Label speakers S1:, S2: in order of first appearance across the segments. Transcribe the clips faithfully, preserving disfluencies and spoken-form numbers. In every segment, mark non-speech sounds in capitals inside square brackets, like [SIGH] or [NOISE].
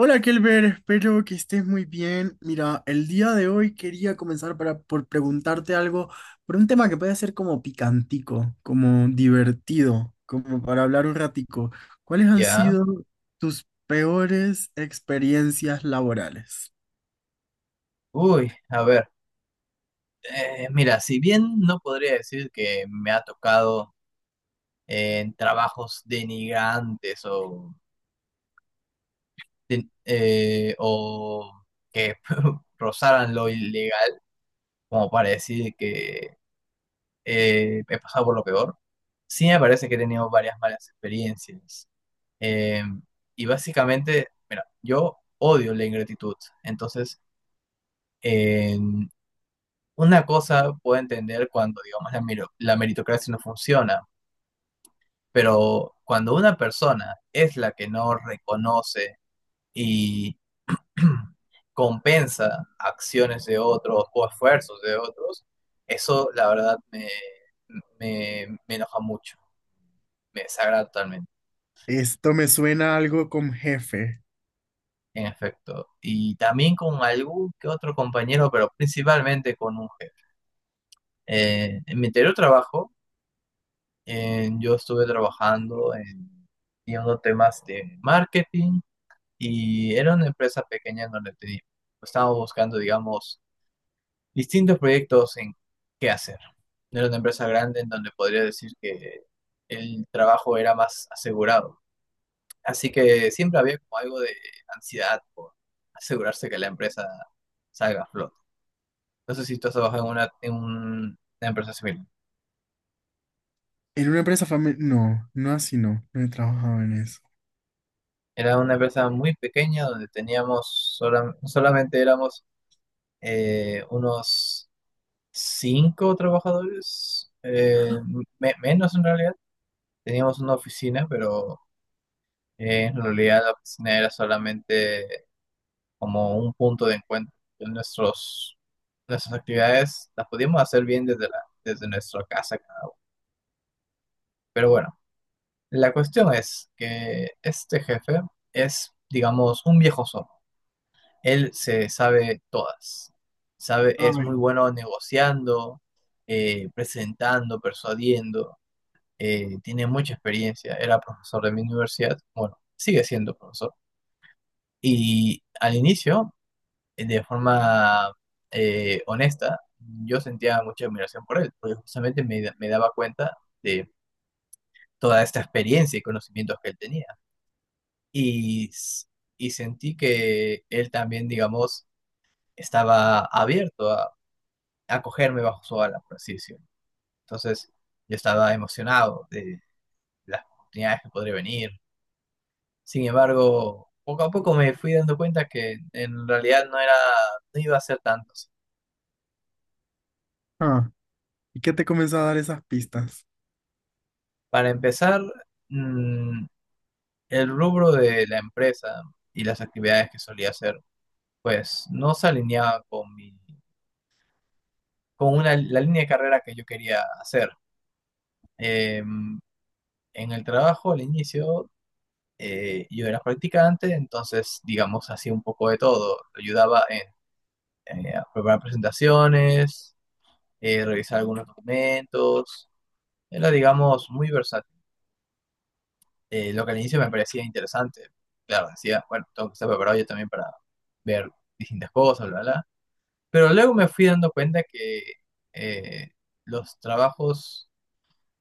S1: Hola Kelber, espero que estés muy bien. Mira, el día de hoy quería comenzar para, por preguntarte algo, por un tema que puede ser como picantico, como divertido, como para hablar un ratico. ¿Cuáles han
S2: Ya,
S1: sido tus peores experiencias laborales?
S2: uy, a ver, eh, mira, si bien no podría decir que me ha tocado eh, en trabajos denigrantes o, den- eh, o que [LAUGHS] rozaran lo ilegal, como para decir que eh, he pasado por lo peor, sí me parece que he tenido varias malas experiencias. Eh, y básicamente, mira, yo odio la ingratitud, entonces una cosa puedo entender cuando, digamos, la, mero- la meritocracia no funciona, pero cuando una persona es la que no reconoce y [CLEARS THROAT] compensa acciones de otros o esfuerzos de otros, eso la verdad me, me, me enoja mucho, me desagrada totalmente,
S1: Esto me suena a algo con jefe.
S2: en efecto. Y también con algún que otro compañero, pero principalmente con un jefe. Eh, en mi anterior trabajo, En- yo estuve trabajando en, en unos temas de marketing y era una empresa pequeña en donde teníamos, estábamos buscando, digamos, distintos proyectos en qué hacer. No era una empresa grande en donde podría decir que el trabajo era más asegurado. Así que siempre había como algo de ansiedad por asegurarse que la empresa salga a flote. No sé si tú has trabajado en una, en un- una empresa similar.
S1: En una empresa familiar. No, no así no, no he trabajado en eso.
S2: Era una empresa muy pequeña donde teníamos, solam- solamente éramos eh, unos cinco trabajadores, eh, me- menos en realidad. Teníamos una oficina, pero eh, en realidad la oficina era solamente como un punto de encuentro. Nuestros, nuestras actividades las podíamos hacer bien desde, la, desde nuestra casa cada uno. Pero bueno, la cuestión es que este jefe es, digamos, un viejo zorro. Él se sabe todas. Sabe, es muy
S1: Ay,
S2: bueno negociando, eh, presentando, persuadiendo. eh, tiene mucha experiencia. Era profesor de mi universidad. Bueno, sigue siendo profesor. Y al inicio, eh, de forma eh, honesta, yo sentía mucha admiración por él, porque justamente me, da- me daba cuenta de toda esta experiencia y conocimientos que él tenía. Y, s- y sentí que él también, digamos, estaba abierto a acogerme bajo su ala, por así decirlo. Entonces yo estaba emocionado de las oportunidades que podría venir. Sin embargo, poco a poco me fui dando cuenta que en realidad no era, no iba a ser tantos.
S1: ah, ¿y qué te comenzó a dar esas pistas?
S2: Para empezar, mm, el rubro de la empresa y las actividades que solía hacer, pues no se alineaba con mi, con una, la línea de carrera que yo quería hacer. Eh, en el trabajo al inicio Eh, yo era practicante, entonces, digamos, hacía un poco de todo. Ayudaba en eh, a preparar presentaciones, eh, revisar algunos documentos. Era, digamos, muy versátil. Eh, lo que al inicio me parecía interesante. Claro, decía, bueno, tengo que estar preparado yo también para ver distintas cosas, bla, bla. Pero luego me fui dando cuenta que eh, los trabajos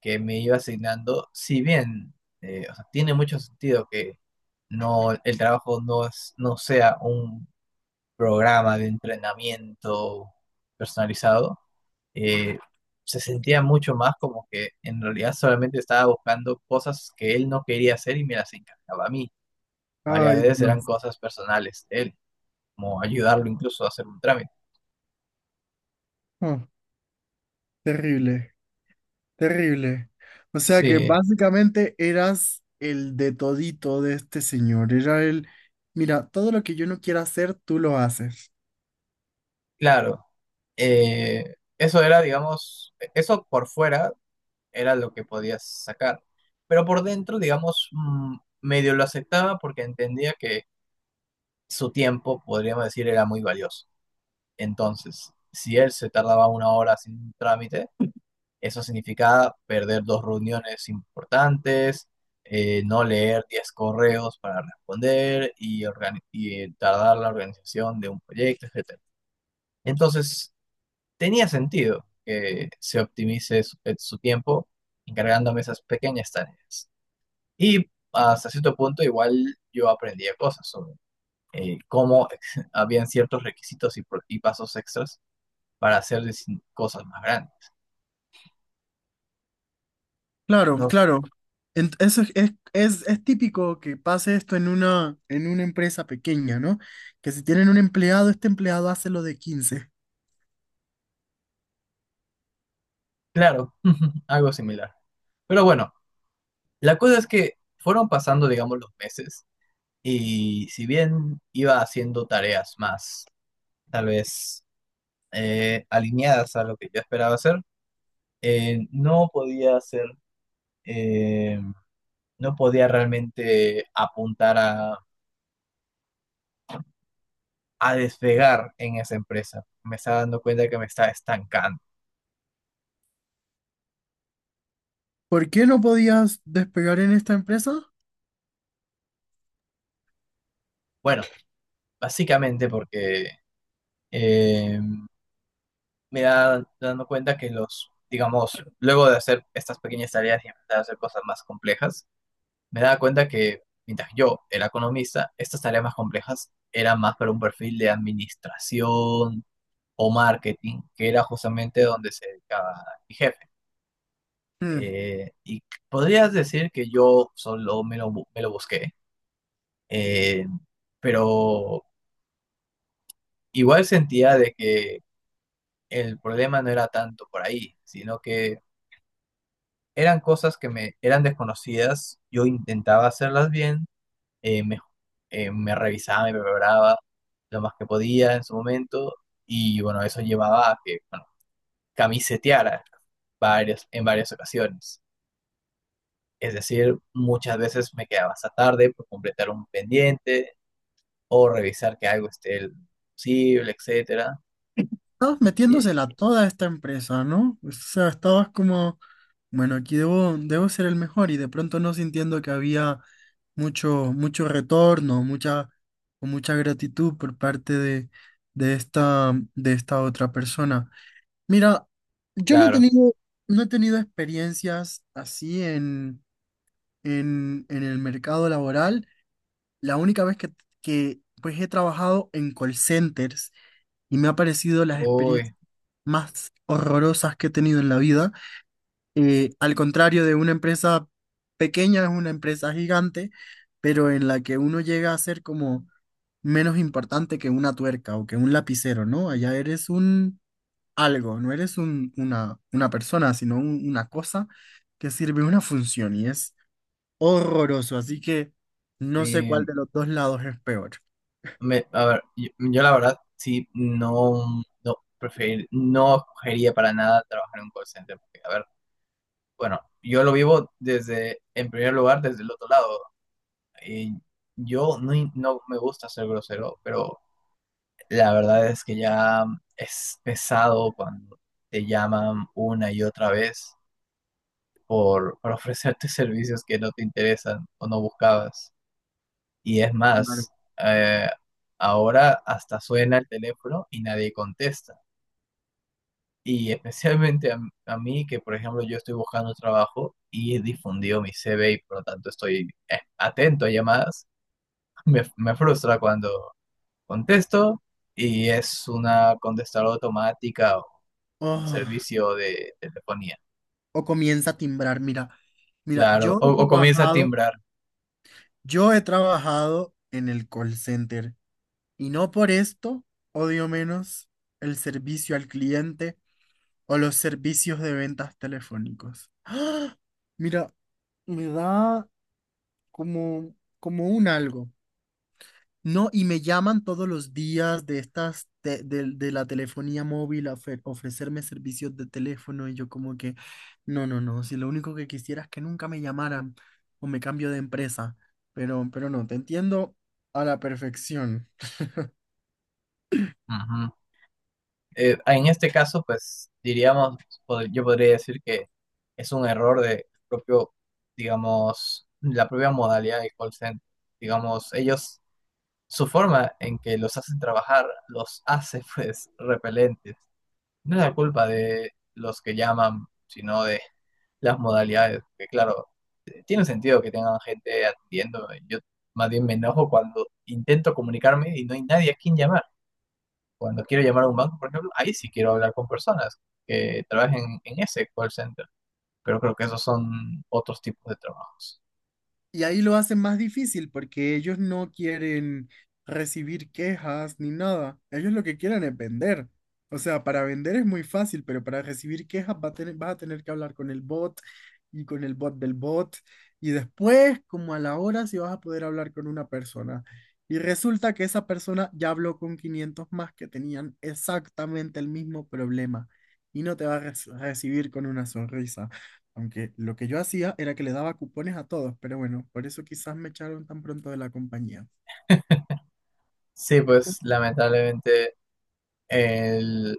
S2: que me iba asignando, si bien eh, o sea, tiene mucho sentido que no, el trabajo no, es, no sea un programa de entrenamiento personalizado, eh, se sentía mucho más como que en realidad solamente estaba buscando cosas que él no quería hacer y me las encargaba a mí. Varias
S1: Ay,
S2: veces eran
S1: Dios,
S2: cosas personales de él, como ayudarlo incluso a hacer un trámite.
S1: ah, terrible. Terrible. O sea que
S2: Sí,
S1: básicamente eras el de todito de este señor. Era el, mira, todo lo que yo no quiera hacer, tú lo haces.
S2: claro. Eh, eso era, digamos, e, eso por fuera era lo que podías sacar, pero por dentro, digamos, mm, medio lo aceptaba porque entendía que su tiempo, podríamos decir, era muy valioso. Entonces, si él se tardaba una hora sin trámite, eso significaba perder dos reuniones importantes, eh, no leer diez correos para responder y, organi- y, eh, tardar la organización de un proyecto, etcétera. Entonces, tenía sentido que se optimice su, eh, su tiempo encargándome esas pequeñas tareas. Y hasta cierto punto igual yo aprendía cosas sobre eh, cómo [LAUGHS] habían ciertos requisitos y, pro- y pasos extras para hacer dis- cosas más grandes.
S1: Claro,
S2: No,
S1: claro. Ent- Eso es, es, es- es típico que pase esto en una, en una empresa pequeña, ¿no? Que si tienen un empleado, este empleado hace lo de quince.
S2: claro, [LAUGHS] algo similar. Pero bueno, la cosa es que fueron pasando, digamos, los meses y si bien iba haciendo tareas más, tal vez eh, alineadas a lo que yo esperaba hacer, eh, no podía hacer, eh, no podía realmente apuntar a, a despegar en esa empresa. Me estaba dando cuenta que me estaba estancando.
S1: ¿Por qué no podías despegar en esta empresa?
S2: Bueno, básicamente porque eh, me da dando cuenta que los, digamos, luego de hacer estas pequeñas tareas y empezar a hacer cosas más complejas, me daba cuenta que mientras yo era economista, estas tareas más complejas eran más para un perfil de administración o marketing, que era justamente donde se dedicaba mi jefe. Eh, y podrías decir que yo solo me lo, bu- me lo busqué, eh, pero igual sentía de que el problema no era tanto por ahí, sino que eran cosas que me eran desconocidas, yo intentaba hacerlas bien, eh, me, eh, me revisaba, me preparaba lo más que podía en su momento y bueno, eso llevaba a que, bueno, camiseteara varias, en varias ocasiones. Es decir, muchas veces me quedaba hasta tarde por completar un pendiente o revisar que algo esté posible, etcétera.
S1: Estabas
S2: Y,
S1: metiéndosela toda esta empresa, ¿no? O sea, estabas como, bueno, aquí debo, debo ser el mejor y de pronto no sintiendo que había mucho, mucho retorno, mucha, o mucha gratitud por parte de, de esta, de esta otra persona. Mira, yo no he
S2: claro,
S1: tenido, no he tenido experiencias así en, en, en el mercado laboral. La única vez que, que pues he trabajado en call centers y me ha parecido las
S2: uy,
S1: experiencias más horrorosas que he tenido en la vida. Eh, al contrario de una empresa pequeña, es una empresa gigante, pero en la que uno llega a ser como menos importante que una tuerca o que un lapicero, ¿no? Allá eres un algo, no eres un- una, una persona, sino un- una cosa que sirve una función y es horroroso. Así que no sé cuál
S2: sí,
S1: de los dos lados es peor.
S2: Me- a ver, yo, yo la verdad sí no, no, preferir, no escogería para nada trabajar en un call center. Porque, a ver, bueno, yo lo vivo desde, en primer lugar, desde el otro lado. Y yo no, in- no me gusta ser grosero, pero la verdad es que ya es pesado cuando te llaman una y otra vez por, por ofrecerte [LAUGHS] servicios que no te interesan o no buscabas. Y es
S1: Claro.
S2: más, eh, ahora hasta suena el teléfono y nadie contesta. Y especialmente a, m- a mí, que por ejemplo yo estoy buscando trabajo y he difundido mi C V y por lo tanto estoy eh, atento a llamadas, [LAUGHS] me, me frustra cuando contesto y es una contestadora automática o un
S1: Oh,
S2: servicio de telefonía.
S1: o comienza a timbrar, mira. Mira,
S2: Claro,
S1: yo
S2: o,
S1: he
S2: o comienza a
S1: trabajado
S2: timbrar.
S1: Yo he trabajado en el call center y no por esto odio menos el servicio al cliente o los servicios de ventas telefónicos. ¡Ah! Mira, me da como, como un algo. No, y me llaman todos los días de estas, de, de- de la telefonía móvil a ofe- ofrecerme servicios de teléfono y yo como que, no, no, no, si lo único que quisiera es que nunca me llamaran o me cambio de empresa, pero, pero no, te entiendo a la perfección.
S2: eh, en este caso, pues diríamos, pod- yo podría decir que es un error de propio, digamos, la propia modalidad de call center. Digamos, ellos, su forma en que los hacen trabajar, los hace [LAUGHS] pues repelentes. No es la culpa de los que llaman, sino de las modalidades, que claro, eh, tiene sentido que tengan gente atendiendo. Yo más bien me enojo cuando intento comunicarme y no hay nadie a quien llamar. Cuando quiero llamar a un banco, por ejemplo, ahí sí quiero hablar con personas que trabajen en ese call center, pero creo que esos son otros tipos de trabajos.
S1: Y ahí lo hacen más difícil porque ellos no quieren recibir quejas ni nada. Ellos lo que quieren es vender. O sea, para vender es muy fácil, pero para recibir quejas va a tener- vas a tener que hablar con el bot y con el bot del bot. Y después, como a la hora, si vas a poder hablar con una persona. Y resulta que esa persona ya habló con quinientos más que tenían exactamente el mismo problema. Y no te va a re- recibir con una sonrisa. Aunque lo que yo hacía era que le daba cupones a todos, pero bueno, por eso quizás me echaron tan pronto de la compañía.
S2: Sí, pues lamentablemente el-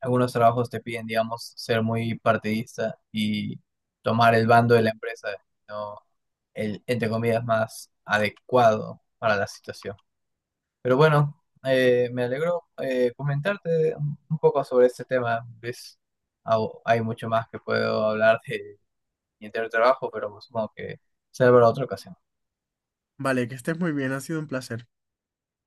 S2: algunos trabajos te piden, digamos, ser muy partidista y tomar el bando de la empresa, no el, entre comillas, más adecuado para la situación. Pero bueno, eh, me alegro eh, comentarte un un poco sobre este tema, Luis. Au- Hay mucho más que puedo hablar de mi anterior trabajo, pero pues supongo que será para otra ocasión.
S1: Vale, que estés muy bien, ha sido un placer.